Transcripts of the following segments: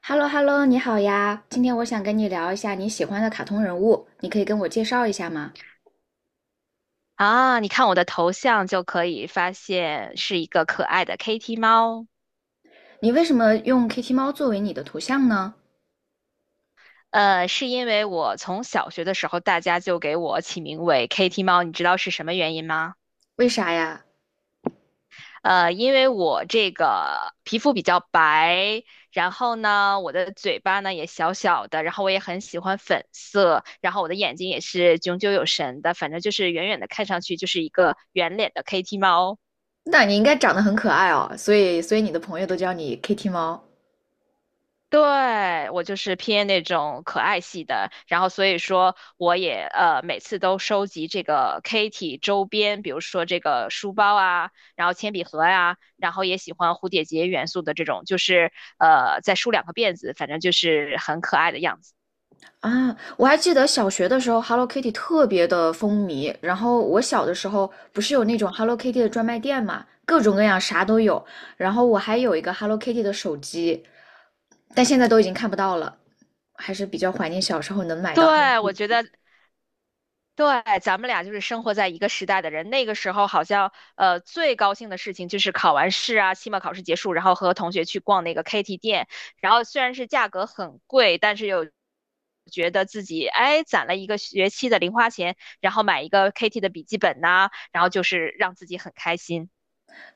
哈喽哈喽，你好呀！今天我想跟你聊一下你喜欢的卡通人物，你可以跟我介绍一下吗？啊，你看我的头像就可以发现是一个可爱的 Kitty 猫。你为什么用 Kitty 猫作为你的图像呢？是因为我从小学的时候，大家就给我起名为 Kitty 猫，你知道是什么原因吗？为啥呀？因为我这个皮肤比较白，然后呢，我的嘴巴呢也小小的，然后我也很喜欢粉色，然后我的眼睛也是炯炯有神的，反正就是远远的看上去就是一个圆脸的 Kitty 猫。那你应该长得很可爱哦，所以你的朋友都叫你 Kitty 猫。对，我就是偏那种可爱系的，然后所以说我也每次都收集这个 Kitty 周边，比如说这个书包啊，然后铅笔盒呀、然后也喜欢蝴蝶结元素的这种，就是再梳两个辫子，反正就是很可爱的样子。啊！我还记得小学的时候，Hello Kitty 特别的风靡。然后我小的时候不是有那种 Hello Kitty 的专卖店嘛，各种各样啥都有。然后我还有一个 Hello Kitty 的手机，但现在都已经看不到了，还是比较怀念小时候能买到。对，我觉得对，咱们俩就是生活在一个时代的人。那个时候好像，最高兴的事情就是考完试啊，期末考试结束，然后和同学去逛那个 KT 店，然后虽然是价格很贵，但是又觉得自己哎攒了一个学期的零花钱，然后买一个 KT 的笔记本呐、然后就是让自己很开心。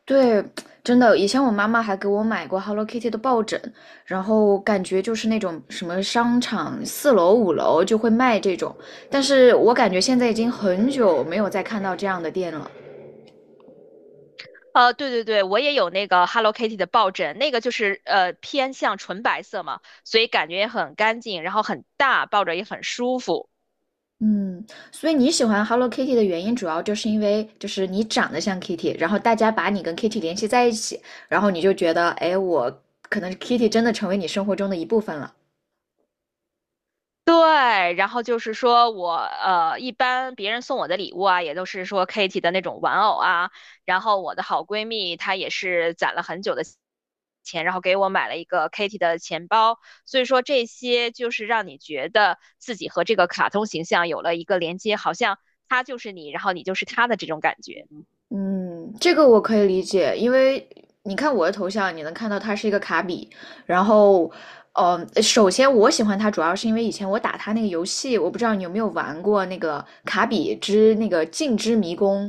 对，真的，以前我妈妈还给我买过 Hello Kitty 的抱枕，然后感觉就是那种什么商场四楼、五楼就会卖这种，但是我感觉现在已经很久没有再看到这样的店了。对对对，我也有那个 Hello Kitty 的抱枕，那个就是偏向纯白色嘛，所以感觉也很干净，然后很大，抱着也很舒服。嗯，所以你喜欢 Hello Kitty 的原因，主要就是因为就是你长得像 Kitty，然后大家把你跟 Kitty 联系在一起，然后你就觉得，哎，我可能 Kitty 真的成为你生活中的一部分了。对，然后就是说我一般别人送我的礼物啊，也都是说 Kitty 的那种玩偶啊。然后我的好闺蜜她也是攒了很久的钱，然后给我买了一个 Kitty 的钱包。所以说这些就是让你觉得自己和这个卡通形象有了一个连接，好像它就是你，然后你就是它的这种感觉。嗯，这个我可以理解，因为你看我的头像，你能看到它是一个卡比。然后，首先我喜欢它，主要是因为以前我打它那个游戏，我不知道你有没有玩过那个《卡比之那个镜之迷宫》，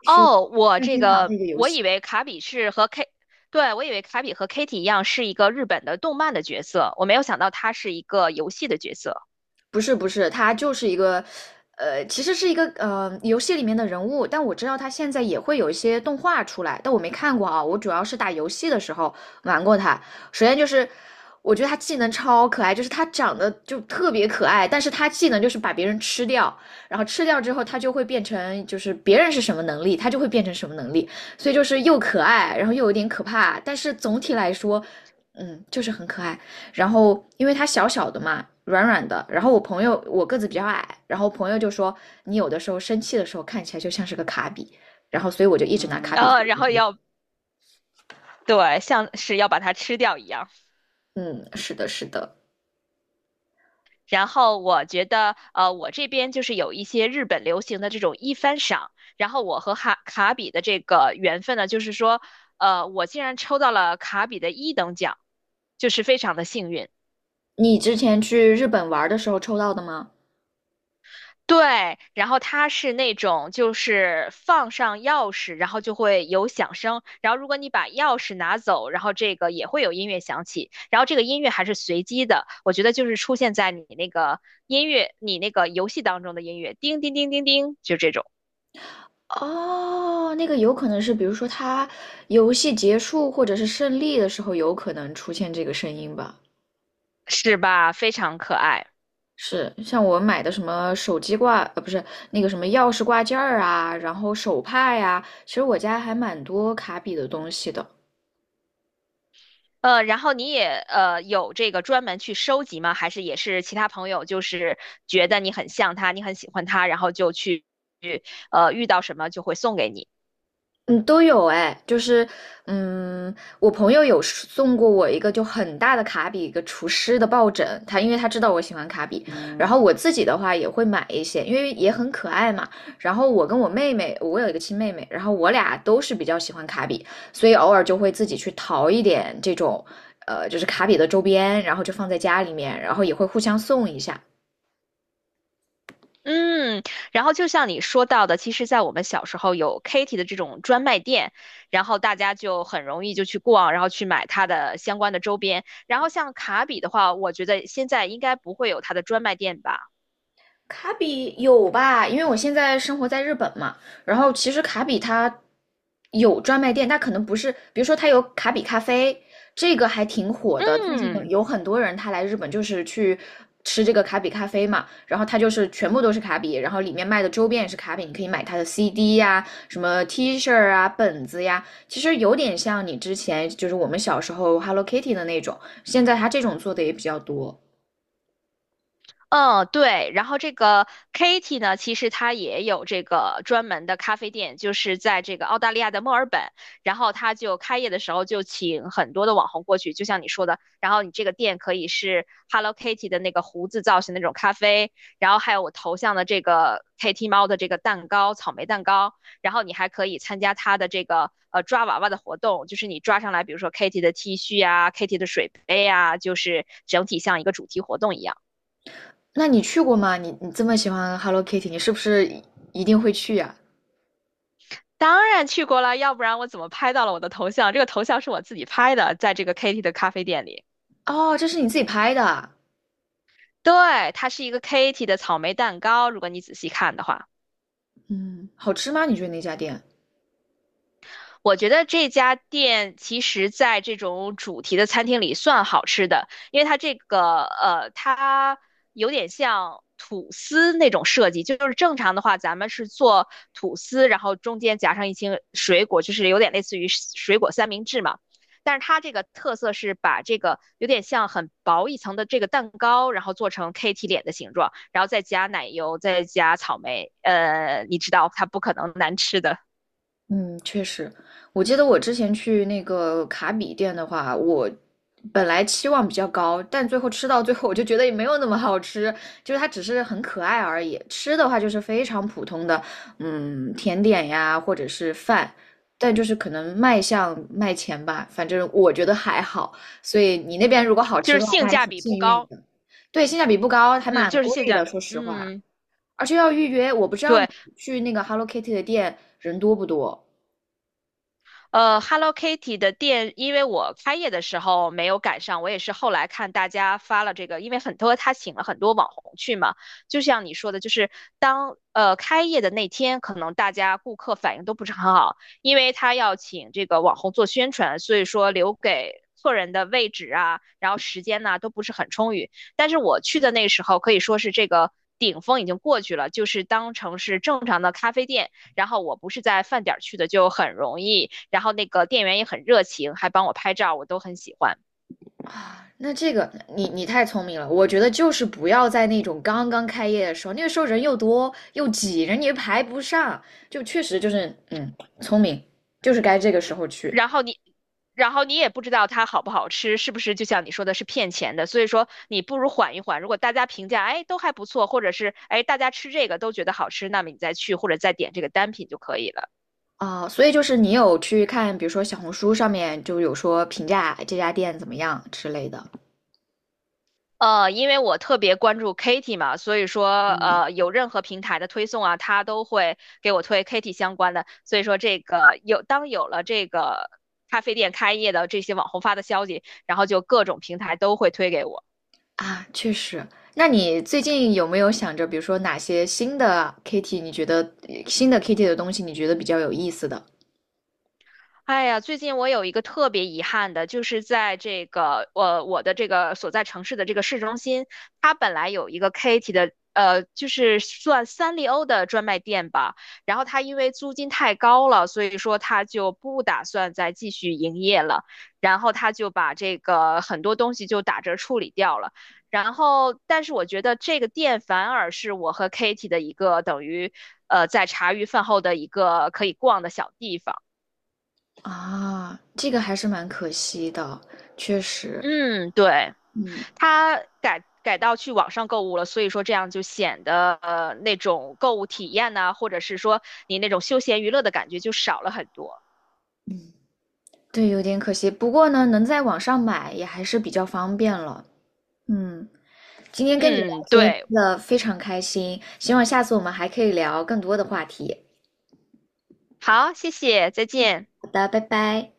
是哦，我任这天堂的个一个游我戏。以为卡比是和 K，对，我以为卡比和 Kitty 一样是一个日本的动漫的角色，我没有想到他是一个游戏的角色，不是不是，他就是一个，其实是一个游戏里面的人物，但我知道他现在也会有一些动画出来，但我没看过啊。我主要是打游戏的时候玩过他。首先就是，我觉得他技能超可爱，就是他长得就特别可爱，但是他技能就是把别人吃掉，然后吃掉之后他就会变成就是别人是什么能力，他就会变成什么能力，所以就是又可爱，然后又有点可怕，但是总体来说，嗯，就是很可爱。然后因为它小小的嘛，软软的。然后我朋友我个子比较矮，然后朋友就说你有的时候生气的时候看起来就像是个卡比，然后所以我就一直拿卡比。呃，然后要对，像是要把它吃掉一样。嗯，是的，是的。然后我觉得，我这边就是有一些日本流行的这种一番赏，然后我和哈卡比的这个缘分呢，就是说，我竟然抽到了卡比的一等奖，就是非常的幸运。你之前去日本玩的时候抽到的吗？对，然后它是那种就是放上钥匙，然后就会有响声，然后如果你把钥匙拿走，然后这个也会有音乐响起，然后这个音乐还是随机的，我觉得就是出现在你那个音乐，你那个游戏当中的音乐，叮叮叮叮叮，就这种，哦，那个有可能是，比如说他游戏结束或者是胜利的时候，有可能出现这个声音吧。是吧？非常可爱。是像我买的什么手机挂，不是那个什么钥匙挂件儿啊，然后手帕呀，其实我家还蛮多卡比的东西的。然后你也有这个专门去收集吗？还是也是其他朋友就是觉得你很像他，你很喜欢他，然后就去遇到什么就会送给你？嗯，都有哎，就是，嗯，我朋友有是送过我一个就很大的卡比，一个厨师的抱枕，他因为他知道我喜欢卡比，然后我自己的话也会买一些，因为也很可爱嘛。然后我跟我妹妹，我有一个亲妹妹，然后我俩都是比较喜欢卡比，所以偶尔就会自己去淘一点这种，就是卡比的周边，然后就放在家里面，然后也会互相送一下。嗯，然后就像你说到的，其实，在我们小时候有 Kitty 的这种专卖店，然后大家就很容易就去逛，然后去买它的相关的周边。然后像卡比的话，我觉得现在应该不会有它的专卖店吧？卡比有吧？因为我现在生活在日本嘛，然后其实卡比它有专卖店，但可能不是，比如说它有卡比咖啡，这个还挺火的，最近嗯。有很多人他来日本就是去吃这个卡比咖啡嘛，然后它就是全部都是卡比，然后里面卖的周边也是卡比，你可以买它的 CD 呀、什么 T 恤啊、本子呀，其实有点像你之前就是我们小时候 Hello Kitty 的那种，现在它这种做的也比较多。嗯，对。然后这个 Katy 呢，其实她也有这个专门的咖啡店，就是在这个澳大利亚的墨尔本。然后她就开业的时候就请很多的网红过去，就像你说的。然后你这个店可以是 Hello Kitty 的那个胡子造型的那种咖啡，然后还有我头像的这个 Kitty 猫的这个蛋糕，草莓蛋糕。然后你还可以参加它的这个抓娃娃的活动，就是你抓上来，比如说 Kitty 的 T 恤啊，Kitty 的水杯啊，就是整体像一个主题活动一样。那你去过吗？你这么喜欢 Hello Kitty，你是不是一定会去呀？当然去过了，要不然我怎么拍到了我的头像？这个头像是我自己拍的，在这个 Katy 的咖啡店里。哦，这是你自己拍的啊。对，它是一个 Katy 的草莓蛋糕，如果你仔细看的话。嗯，好吃吗？你觉得那家店？我觉得这家店其实在这种主题的餐厅里算好吃的，因为它这个它有点像吐司那种设计，就是正常的话，咱们是做吐司，然后中间夹上一些水果，就是有点类似于水果三明治嘛。但是它这个特色是把这个有点像很薄一层的这个蛋糕，然后做成 KT 脸的形状，然后再加奶油，再加草莓，你知道它不可能难吃的，嗯，确实，我记得我之前去那个卡比店的话，我本来期望比较高，但最后吃到最后，我就觉得也没有那么好吃，就是它只是很可爱而已。吃的话就是非常普通的，嗯，甜点呀，或者是饭，但就是可能卖相卖钱吧，反正我觉得还好。所以你那边如果好就吃是的话，那性还价挺比不幸运高。的。对，性价比不高，还嗯，蛮就是贵性价的，比。说实话，嗯，而且要预约。我不知道你对，去那个 Hello Kitty 的店人多不多。Hello Kitty 的店，因为我开业的时候没有赶上，我也是后来看大家发了这个，因为很多他请了很多网红去嘛，就像你说的，就是当开业的那天，可能大家顾客反应都不是很好，因为他要请这个网红做宣传，所以说留给客人的位置啊，然后时间呐都不是很充裕。但是我去的那时候可以说是这个顶峰已经过去了，就是当成是正常的咖啡店。然后我不是在饭点儿去的，就很容易。然后那个店员也很热情，还帮我拍照，我都很喜欢。啊，那这个你太聪明了，我觉得就是不要在那种刚刚开业的时候，那个时候人又多又挤，人也排不上，就确实就是嗯，聪明，就是该这个时候去。然后你，然后你也不知道它好不好吃，是不是就像你说的是骗钱的？所以说你不如缓一缓。如果大家评价哎都还不错，或者是哎大家吃这个都觉得好吃，那么你再去或者再点这个单品就可以了。啊，所以就是你有去看，比如说小红书上面就有说评价这家店怎么样之类的。因为我特别关注 Kitty 嘛，所以说有任何平台的推送啊，它都会给我推 Kitty 相关的。所以说这个有，当有了这个咖啡店开业的这些网红发的消息，然后就各种平台都会推给我。啊，确实。那你最近有没有想着，比如说哪些新的 Kitty，你觉得新的 Kitty 的东西你觉得比较有意思的？哎呀，最近我有一个特别遗憾的，就是在这个我的这个所在城市的这个市中心，它本来有一个 Katy 的，就是算三丽鸥的专卖店吧。然后它因为租金太高了，所以说它就不打算再继续营业了。然后它就把这个很多东西就打折处理掉了。然后，但是我觉得这个店反而是我和 Katy 的一个等于，在茶余饭后的一个可以逛的小地方。啊，这个还是蛮可惜的，确实，嗯，对，嗯，他改到去网上购物了，所以说这样就显得那种购物体验呐、或者是说你那种休闲娱乐的感觉就少了很多。对，有点可惜。不过呢，能在网上买也还是比较方便了。嗯，今天跟你聊嗯，天对，真的非常开心，希望下次我们还可以聊更多的话题。好，谢谢，再见。好的，拜拜。